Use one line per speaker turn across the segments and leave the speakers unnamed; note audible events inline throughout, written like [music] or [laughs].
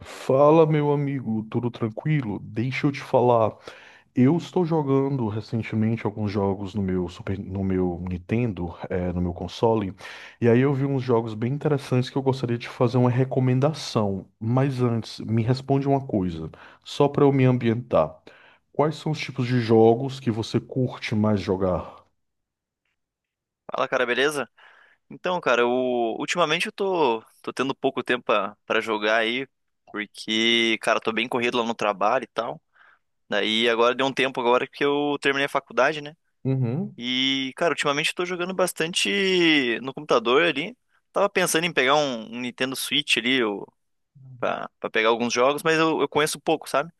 Fala, meu amigo, tudo tranquilo? Deixa eu te falar. Eu estou jogando recentemente alguns jogos no meu Super, no meu Nintendo, no meu console, e aí eu vi uns jogos bem interessantes que eu gostaria de fazer uma recomendação. Mas antes, me responde uma coisa, só para eu me ambientar. Quais são os tipos de jogos que você curte mais jogar?
Fala, cara, beleza? Então, cara, ultimamente eu tô tendo pouco tempo pra jogar aí, porque, cara, tô bem corrido lá no trabalho e tal. Daí agora deu um tempo agora que eu terminei a faculdade, né?
Uhum,
E, cara, ultimamente eu tô jogando bastante no computador ali. Tava pensando em pegar um Nintendo Switch ali, pra pegar alguns jogos, mas eu conheço pouco, sabe?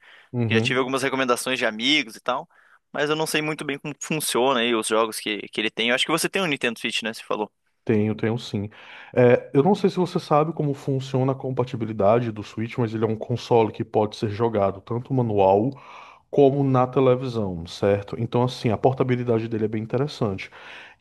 Já tive
uhum.
algumas recomendações de amigos e tal, mas eu não sei muito bem como funciona aí os jogos que ele tem. Eu acho que você tem um Nintendo Switch, né? Você falou.
Tenho sim. É, eu não sei se você sabe como funciona a compatibilidade do Switch, mas ele é um console que pode ser jogado tanto manual como na televisão, certo? Então, assim, a portabilidade dele é bem interessante.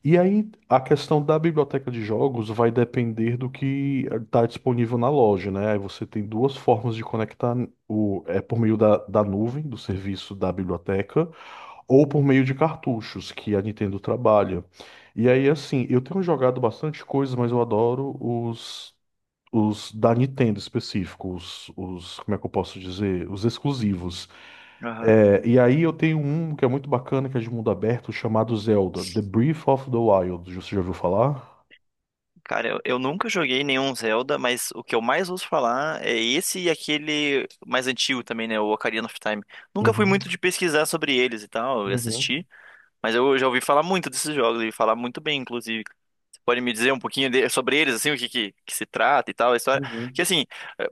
E aí, a questão da biblioteca de jogos vai depender do que está disponível na loja, né? Aí você tem duas formas de conectar o, é por meio da nuvem, do serviço da biblioteca, ou por meio de cartuchos que a Nintendo trabalha. E aí, assim, eu tenho jogado bastante coisa, mas eu adoro os da Nintendo específico, como é que eu posso dizer, os exclusivos.
Aham.
É, e aí eu tenho um que é muito bacana, que é de mundo aberto, chamado Zelda, The Breath of the Wild. Você já ouviu falar?
Cara, eu nunca joguei nenhum Zelda, mas o que eu mais ouço falar é esse e aquele mais antigo também, né? O Ocarina of Time. Nunca fui muito
Uhum,
de pesquisar sobre eles e tal, e
uhum,
assistir, mas eu já ouvi falar muito desses jogos e falar muito bem, inclusive. Você pode me dizer um pouquinho sobre eles, assim, o que se trata e tal, a história? Que,
uhum.
assim, é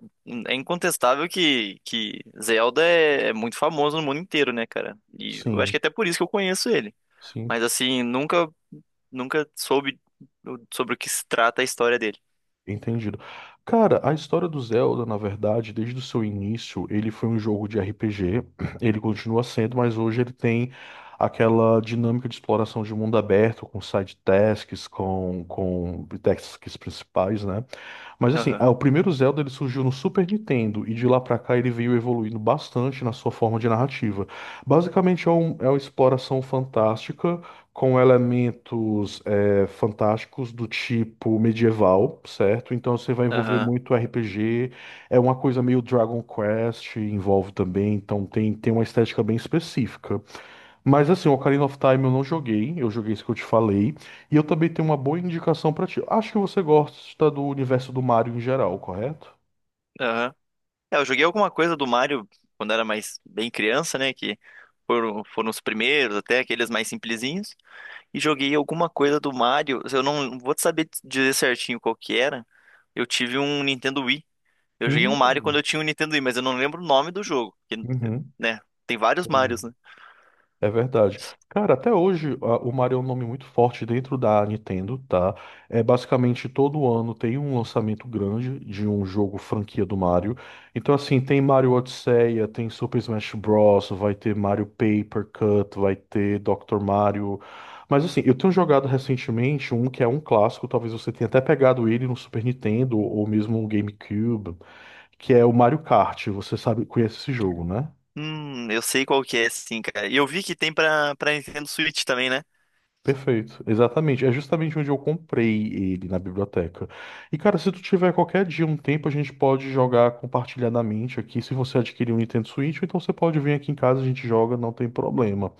é incontestável que Zelda é muito famoso no mundo inteiro, né, cara? E eu acho que é
Sim,
até por isso que eu conheço ele.
sim.
Mas assim, nunca soube sobre o que se trata a história dele.
Entendido. Cara, a história do Zelda, na verdade, desde o seu início, ele foi um jogo de RPG, [clears throat] ele continua sendo, mas hoje ele tem aquela dinâmica de exploração de mundo aberto, com side tasks, com tasks principais, né? Mas assim,
Aham,
o primeiro Zelda ele surgiu no Super Nintendo e de lá pra cá ele veio evoluindo bastante na sua forma de narrativa. Basicamente é, é uma exploração fantástica com elementos fantásticos do tipo medieval, certo? Então você vai envolver
aham,
muito RPG, é uma coisa meio Dragon Quest, envolve também, então tem, tem uma estética bem específica. Mas assim, o Ocarina of Time eu não joguei, eu joguei isso que eu te falei. E eu também tenho uma boa indicação pra ti. Acho que você gosta do universo do Mario em geral, correto?
aham. É, eu joguei alguma coisa do Mario quando era mais bem criança, né? Que foram os primeiros, até aqueles mais simplesinhos. E joguei alguma coisa do Mario. Eu não vou te saber te dizer certinho qual que era. Eu tive um Nintendo Wii. Eu joguei um Mario quando
Hum,
eu tinha um Nintendo Wii, mas eu não lembro o nome do jogo. Porque,
uhum.
né? Tem vários Marios,
Entendi.
né?
É verdade. Cara, até hoje o Mario é um nome muito forte dentro da Nintendo, tá? É basicamente todo ano tem um lançamento grande de um jogo franquia do Mario. Então assim, tem Mario Odisseia, tem Super Smash Bros, vai ter Mario Paper Cut, vai ter Dr. Mario. Mas assim, eu tenho jogado recentemente um que é um clássico, talvez você tenha até pegado ele no Super Nintendo ou mesmo no GameCube, que é o Mario Kart. Você sabe, conhece esse jogo, né?
Eu sei qual que é, sim, cara. E eu vi que tem pra, pra Nintendo Switch também, né?
Perfeito, exatamente. É justamente onde eu comprei ele na biblioteca. E cara, se tu tiver qualquer dia um tempo, a gente pode jogar compartilhadamente aqui. Se você adquirir um Nintendo Switch, ou então você pode vir aqui em casa, a gente joga, não tem problema.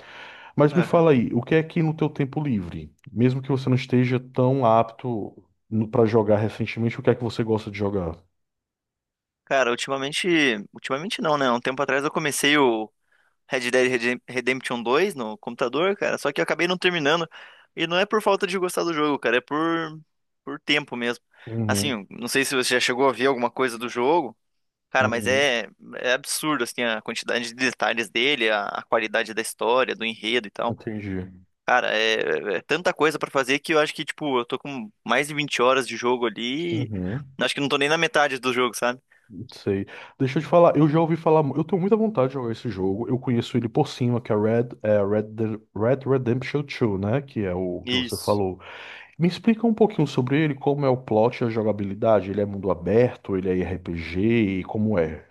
Mas me
Aham.
fala aí, o que é que no teu tempo livre, mesmo que você não esteja tão apto pra jogar recentemente, o que é que você gosta de jogar?
Cara, ultimamente. Ultimamente não, né? Um tempo atrás eu comecei o Red Dead Redemption 2 no computador, cara, só que eu acabei não terminando. E não é por falta de gostar do jogo, cara, é por tempo mesmo.
Uhum,
Assim, não sei se você já chegou a ver alguma coisa do jogo, cara, mas
uhum,
é absurdo, assim, a quantidade de detalhes dele, a qualidade da história, do enredo e tal.
entendi.
Cara, é tanta coisa pra fazer que eu acho que, tipo, eu tô com mais de 20 horas de jogo ali, e
Uhum.
Acho que não tô nem na metade do jogo, sabe?
Sei. Deixa eu te falar, eu já ouvi falar, eu tenho muita vontade de jogar esse jogo. Eu conheço ele por cima, que é Red, Red Redemption 2, né? Que é o que você
Isso.
falou. Me explica um pouquinho sobre ele, como é o plot e a jogabilidade. Ele é mundo aberto, ele é RPG, e como é?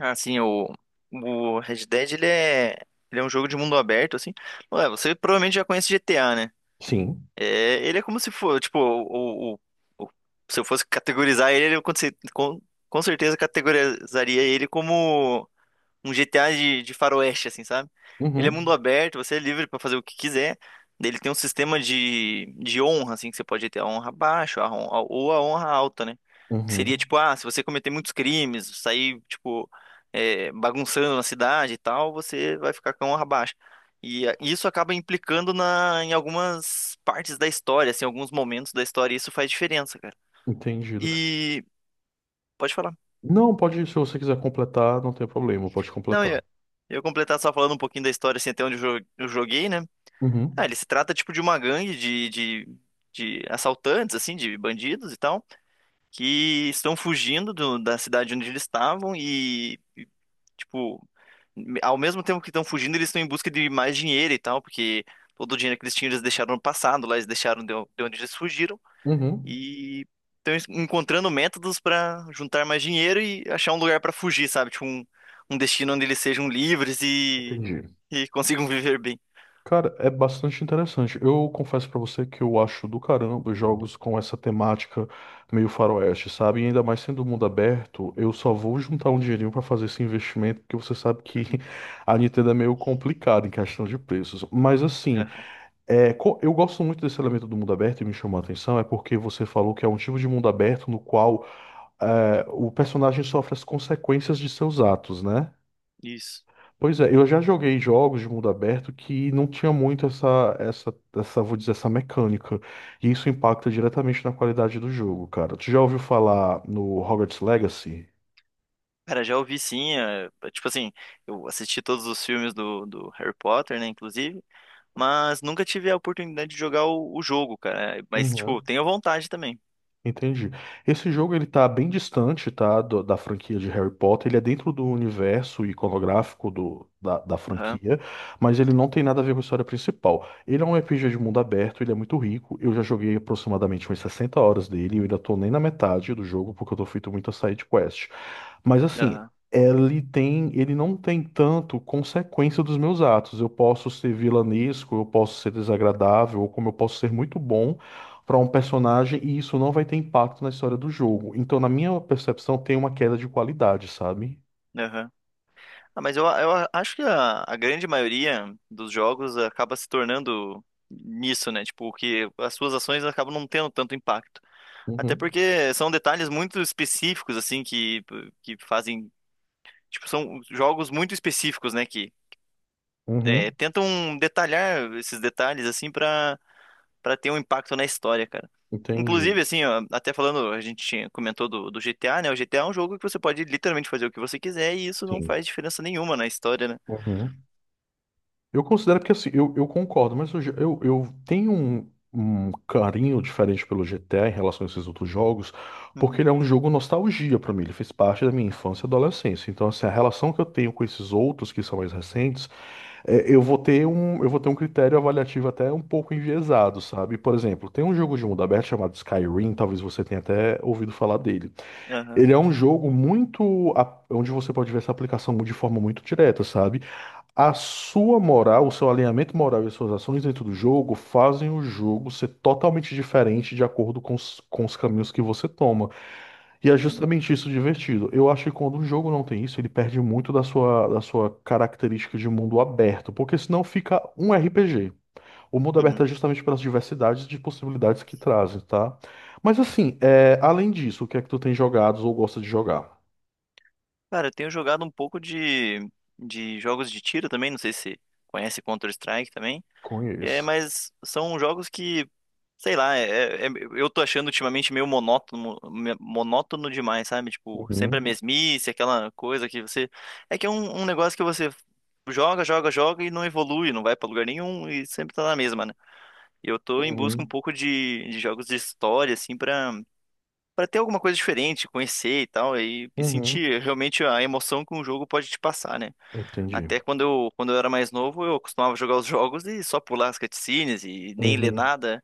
Ah, sim, o Red Dead, ele é um jogo de mundo aberto, assim. Ué, você provavelmente já conhece GTA, né?
Sim.
É, ele é como se for, tipo, o- se eu fosse categorizar ele, eu com com certeza categorizaria ele como um GTA de faroeste, assim, sabe? Ele é mundo
Uhum.
aberto, você é livre pra fazer o que quiser. Ele tem um sistema de honra, assim, que você pode ter a honra baixa ou a honra alta, né? Que seria
Uhum.
tipo, ah, se você cometer muitos crimes, sair, tipo, bagunçando na cidade e tal, você vai ficar com a honra baixa. E isso acaba implicando em algumas partes da história, assim, alguns momentos da história, e isso faz diferença, cara.
Entendido.
E pode falar.
Não, pode, se você quiser completar, não tem problema, pode
Não, eu,
completar.
ia eu ia completar só falando um pouquinho da história, assim, até onde eu joguei, né? Ah,
Uhum.
ele se trata tipo de uma gangue de assaltantes, assim, de bandidos e tal, que estão fugindo da cidade onde eles estavam e, tipo, ao mesmo tempo que estão fugindo, eles estão em busca de mais dinheiro e tal, porque todo o dinheiro que eles tinham eles deixaram no passado, lá eles deixaram de onde eles fugiram
Uhum.
e estão encontrando métodos para juntar mais dinheiro e achar um lugar para fugir, sabe? Tipo, um destino onde eles sejam livres e,
Entendi.
e consigam viver bem.
Cara, é bastante interessante. Eu confesso pra você que eu acho do caramba jogos com essa temática meio faroeste, sabe? E ainda mais sendo mundo aberto, eu só vou juntar um dinheirinho pra fazer esse investimento, porque você sabe que
[laughs]
[laughs] a Nintendo é meio complicada em questão de preços. Mas assim,
Aham,
é, eu gosto muito desse elemento do mundo aberto e me chamou a atenção é porque você falou que é um tipo de mundo aberto no qual é, o personagem sofre as consequências de seus atos, né?
isso.
Pois é, eu já joguei jogos de mundo aberto que não tinha muito vou dizer, essa mecânica. E isso impacta diretamente na qualidade do jogo, cara. Tu já ouviu falar no Hogwarts Legacy?
Cara, já ouvi sim. Tipo assim, eu assisti todos os filmes do Harry Potter, né, inclusive, mas nunca tive a oportunidade de jogar o jogo, cara. Mas, tipo,
Uhum.
tenho vontade também.
Entendi. Esse jogo ele tá bem distante, tá, da franquia de Harry Potter. Ele é dentro do universo iconográfico do, da
Aham,
franquia, mas ele não tem nada a ver com a história principal. Ele é um RPG de mundo aberto, ele é muito rico. Eu já joguei aproximadamente umas 60 horas dele e eu ainda tô nem na metade do jogo porque eu tô feito muito a side quest. Mas assim,
aham,
ele tem, ele não tem tanto consequência dos meus atos. Eu posso ser vilanesco, eu posso ser desagradável, ou como eu posso ser muito bom para um personagem e isso não vai ter impacto na história do jogo. Então, na minha percepção, tem uma queda de qualidade, sabe?
aham. Ah, mas eu acho que a grande maioria dos jogos acaba se tornando nisso, né? Tipo, que as suas ações acabam não tendo tanto impacto. Até
Uhum,
porque são detalhes muito específicos, assim, que fazem. Tipo, são jogos muito específicos, né? Que
uhum,
tentam detalhar esses detalhes assim para ter um impacto na história, cara.
entendi.
Inclusive, assim, ó, até falando, a gente comentou do GTA, né? O GTA é um jogo que você pode literalmente fazer o que você quiser e isso não
Sim.
faz diferença nenhuma na história, né?
Uhum. Eu considero porque assim, eu concordo, mas eu, eu tenho um, um carinho diferente pelo GTA em relação a esses outros jogos, porque
Uhum,
ele é um jogo nostalgia pra mim, ele fez parte da minha infância e adolescência. Então, assim, a relação que eu tenho com esses outros que são mais recentes, é, eu vou ter um critério avaliativo até um pouco enviesado, sabe? Por exemplo, tem um jogo de mundo aberto chamado Skyrim, talvez você tenha até ouvido falar dele.
aham,
Ele é um jogo onde você pode ver essa aplicação de forma muito direta, sabe? A sua moral, o seu alinhamento moral e as suas ações dentro do jogo fazem o jogo ser totalmente diferente de acordo com os caminhos que você toma. E é justamente isso divertido. Eu acho que quando um jogo não tem isso, ele perde muito da sua característica de mundo aberto, porque senão fica um RPG. O mundo
uhum.
aberto é justamente pelas diversidades de possibilidades que trazem, tá? Mas assim, é, além disso, o que é que tu tem jogado ou gosta de jogar?
Cara, eu tenho jogado um pouco de jogos de tiro também, não sei se conhece Counter-Strike também. É,
Conheço.
mas são jogos que, sei lá, eu tô achando ultimamente meio monótono, monótono demais, sabe? Tipo, sempre a
Uhum,
mesmice, aquela coisa que você. É que é um negócio que você joga, joga, joga e não evolui, não vai pra lugar nenhum e sempre tá na mesma, né? E eu tô em busca um
uhum,
pouco de jogos de história, assim, pra, ter alguma coisa diferente, conhecer e tal, e
uhum.
sentir realmente a emoção que um jogo pode te passar, né?
Entendi.
Até quando quando eu era mais novo, eu costumava jogar os jogos e só pular as cutscenes e nem ler
Uhum.
nada.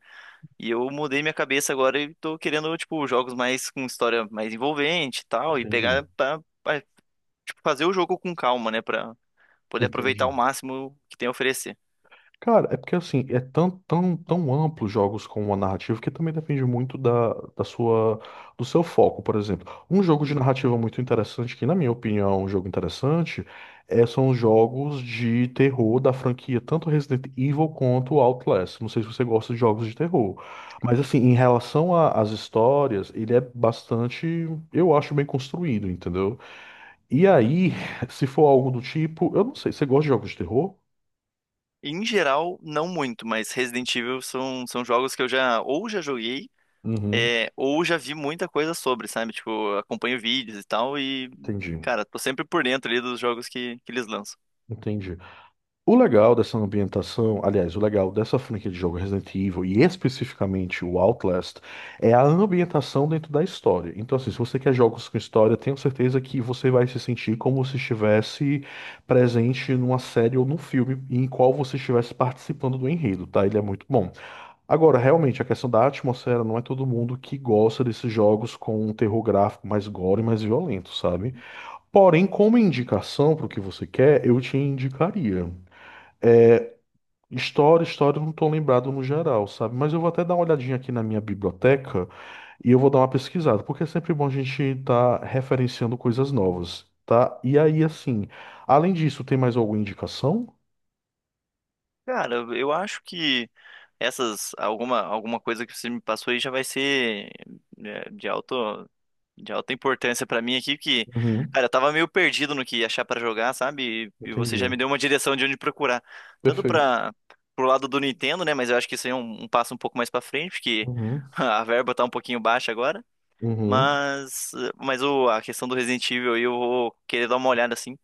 E eu mudei minha cabeça agora e tô querendo, tipo, jogos mais com história mais envolvente e tal, e
Entendi,
pegar pra, tipo, fazer o jogo com calma, né, pra poder aproveitar ao
entendi.
máximo que tem a oferecer.
Cara, é porque assim, é tão, tão, tão amplo jogos com uma narrativa que também depende muito da sua, do seu foco, por exemplo. Um jogo de narrativa muito interessante, que na minha opinião é um jogo interessante, é, são os jogos de terror da franquia, tanto Resident Evil quanto Outlast. Não sei se você gosta de jogos de terror, mas assim, em relação às histórias, ele é bastante, eu acho, bem construído, entendeu? E
Aham.
aí, [laughs] se for algo do tipo, eu não sei, você gosta de jogos de terror?
Em geral, não muito, mas Resident Evil são jogos que eu já ou já joguei,
Uhum,
ou já vi muita coisa sobre, sabe? Tipo, acompanho vídeos e tal, e,
entendi,
cara, tô sempre por dentro ali dos jogos que eles lançam.
entendi. O legal dessa ambientação, aliás, o legal dessa franquia de jogo Resident Evil e especificamente o Outlast é a ambientação dentro da história. Então, assim, se você quer jogos com história, tenho certeza que você vai se sentir como se estivesse presente numa série ou num filme em qual você estivesse participando do enredo, tá? Ele é muito bom. Agora, realmente, a questão da atmosfera não é todo mundo que gosta desses jogos com um terror gráfico mais gore, mais violento, sabe? Porém, como indicação para o que você quer, eu te indicaria. História, história, eu não estou lembrado no geral, sabe? Mas eu vou até dar uma olhadinha aqui na minha biblioteca e eu vou dar uma pesquisada, porque é sempre bom a gente estar referenciando coisas novas, tá? E aí, assim, além disso, tem mais alguma indicação?
Cara, eu acho que essas alguma coisa que você me passou aí já vai ser de alto de alta importância pra mim aqui que,
Uhum,
cara, eu tava meio perdido no que achar pra jogar, sabe? E você já
entendi.
me deu uma direção de onde procurar, tanto
Perfeito.
para pro lado do Nintendo, né? Mas eu acho que isso aí é um passo um pouco mais pra frente, porque
Uhum,
[laughs] a verba tá um pouquinho baixa agora.
uhum,
Mas a questão do Resident Evil aí eu vou querer dar uma olhada assim.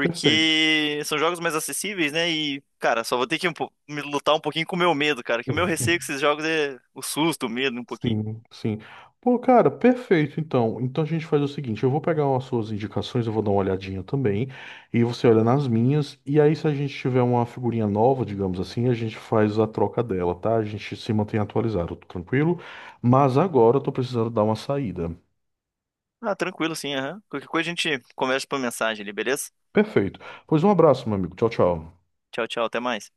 perfeito.
são jogos mais acessíveis, né? E, cara, só vou ter que me lutar um pouquinho com o meu medo, cara. Que o meu receio com esses jogos é o susto, o medo, um pouquinho.
Sim, sim. Pô, cara, perfeito. Então, então a gente faz o seguinte: eu vou pegar umas suas indicações, eu vou dar uma olhadinha também, e você olha nas minhas. E aí, se a gente tiver uma figurinha nova, digamos assim, a gente faz a troca dela, tá? A gente se mantém atualizado, tranquilo. Mas agora eu tô precisando dar uma saída.
Ah, tranquilo, sim, aham. Qualquer coisa a gente conversa por mensagem ali, beleza?
Perfeito. Pois um abraço, meu amigo. Tchau, tchau.
Tchau, tchau, até mais.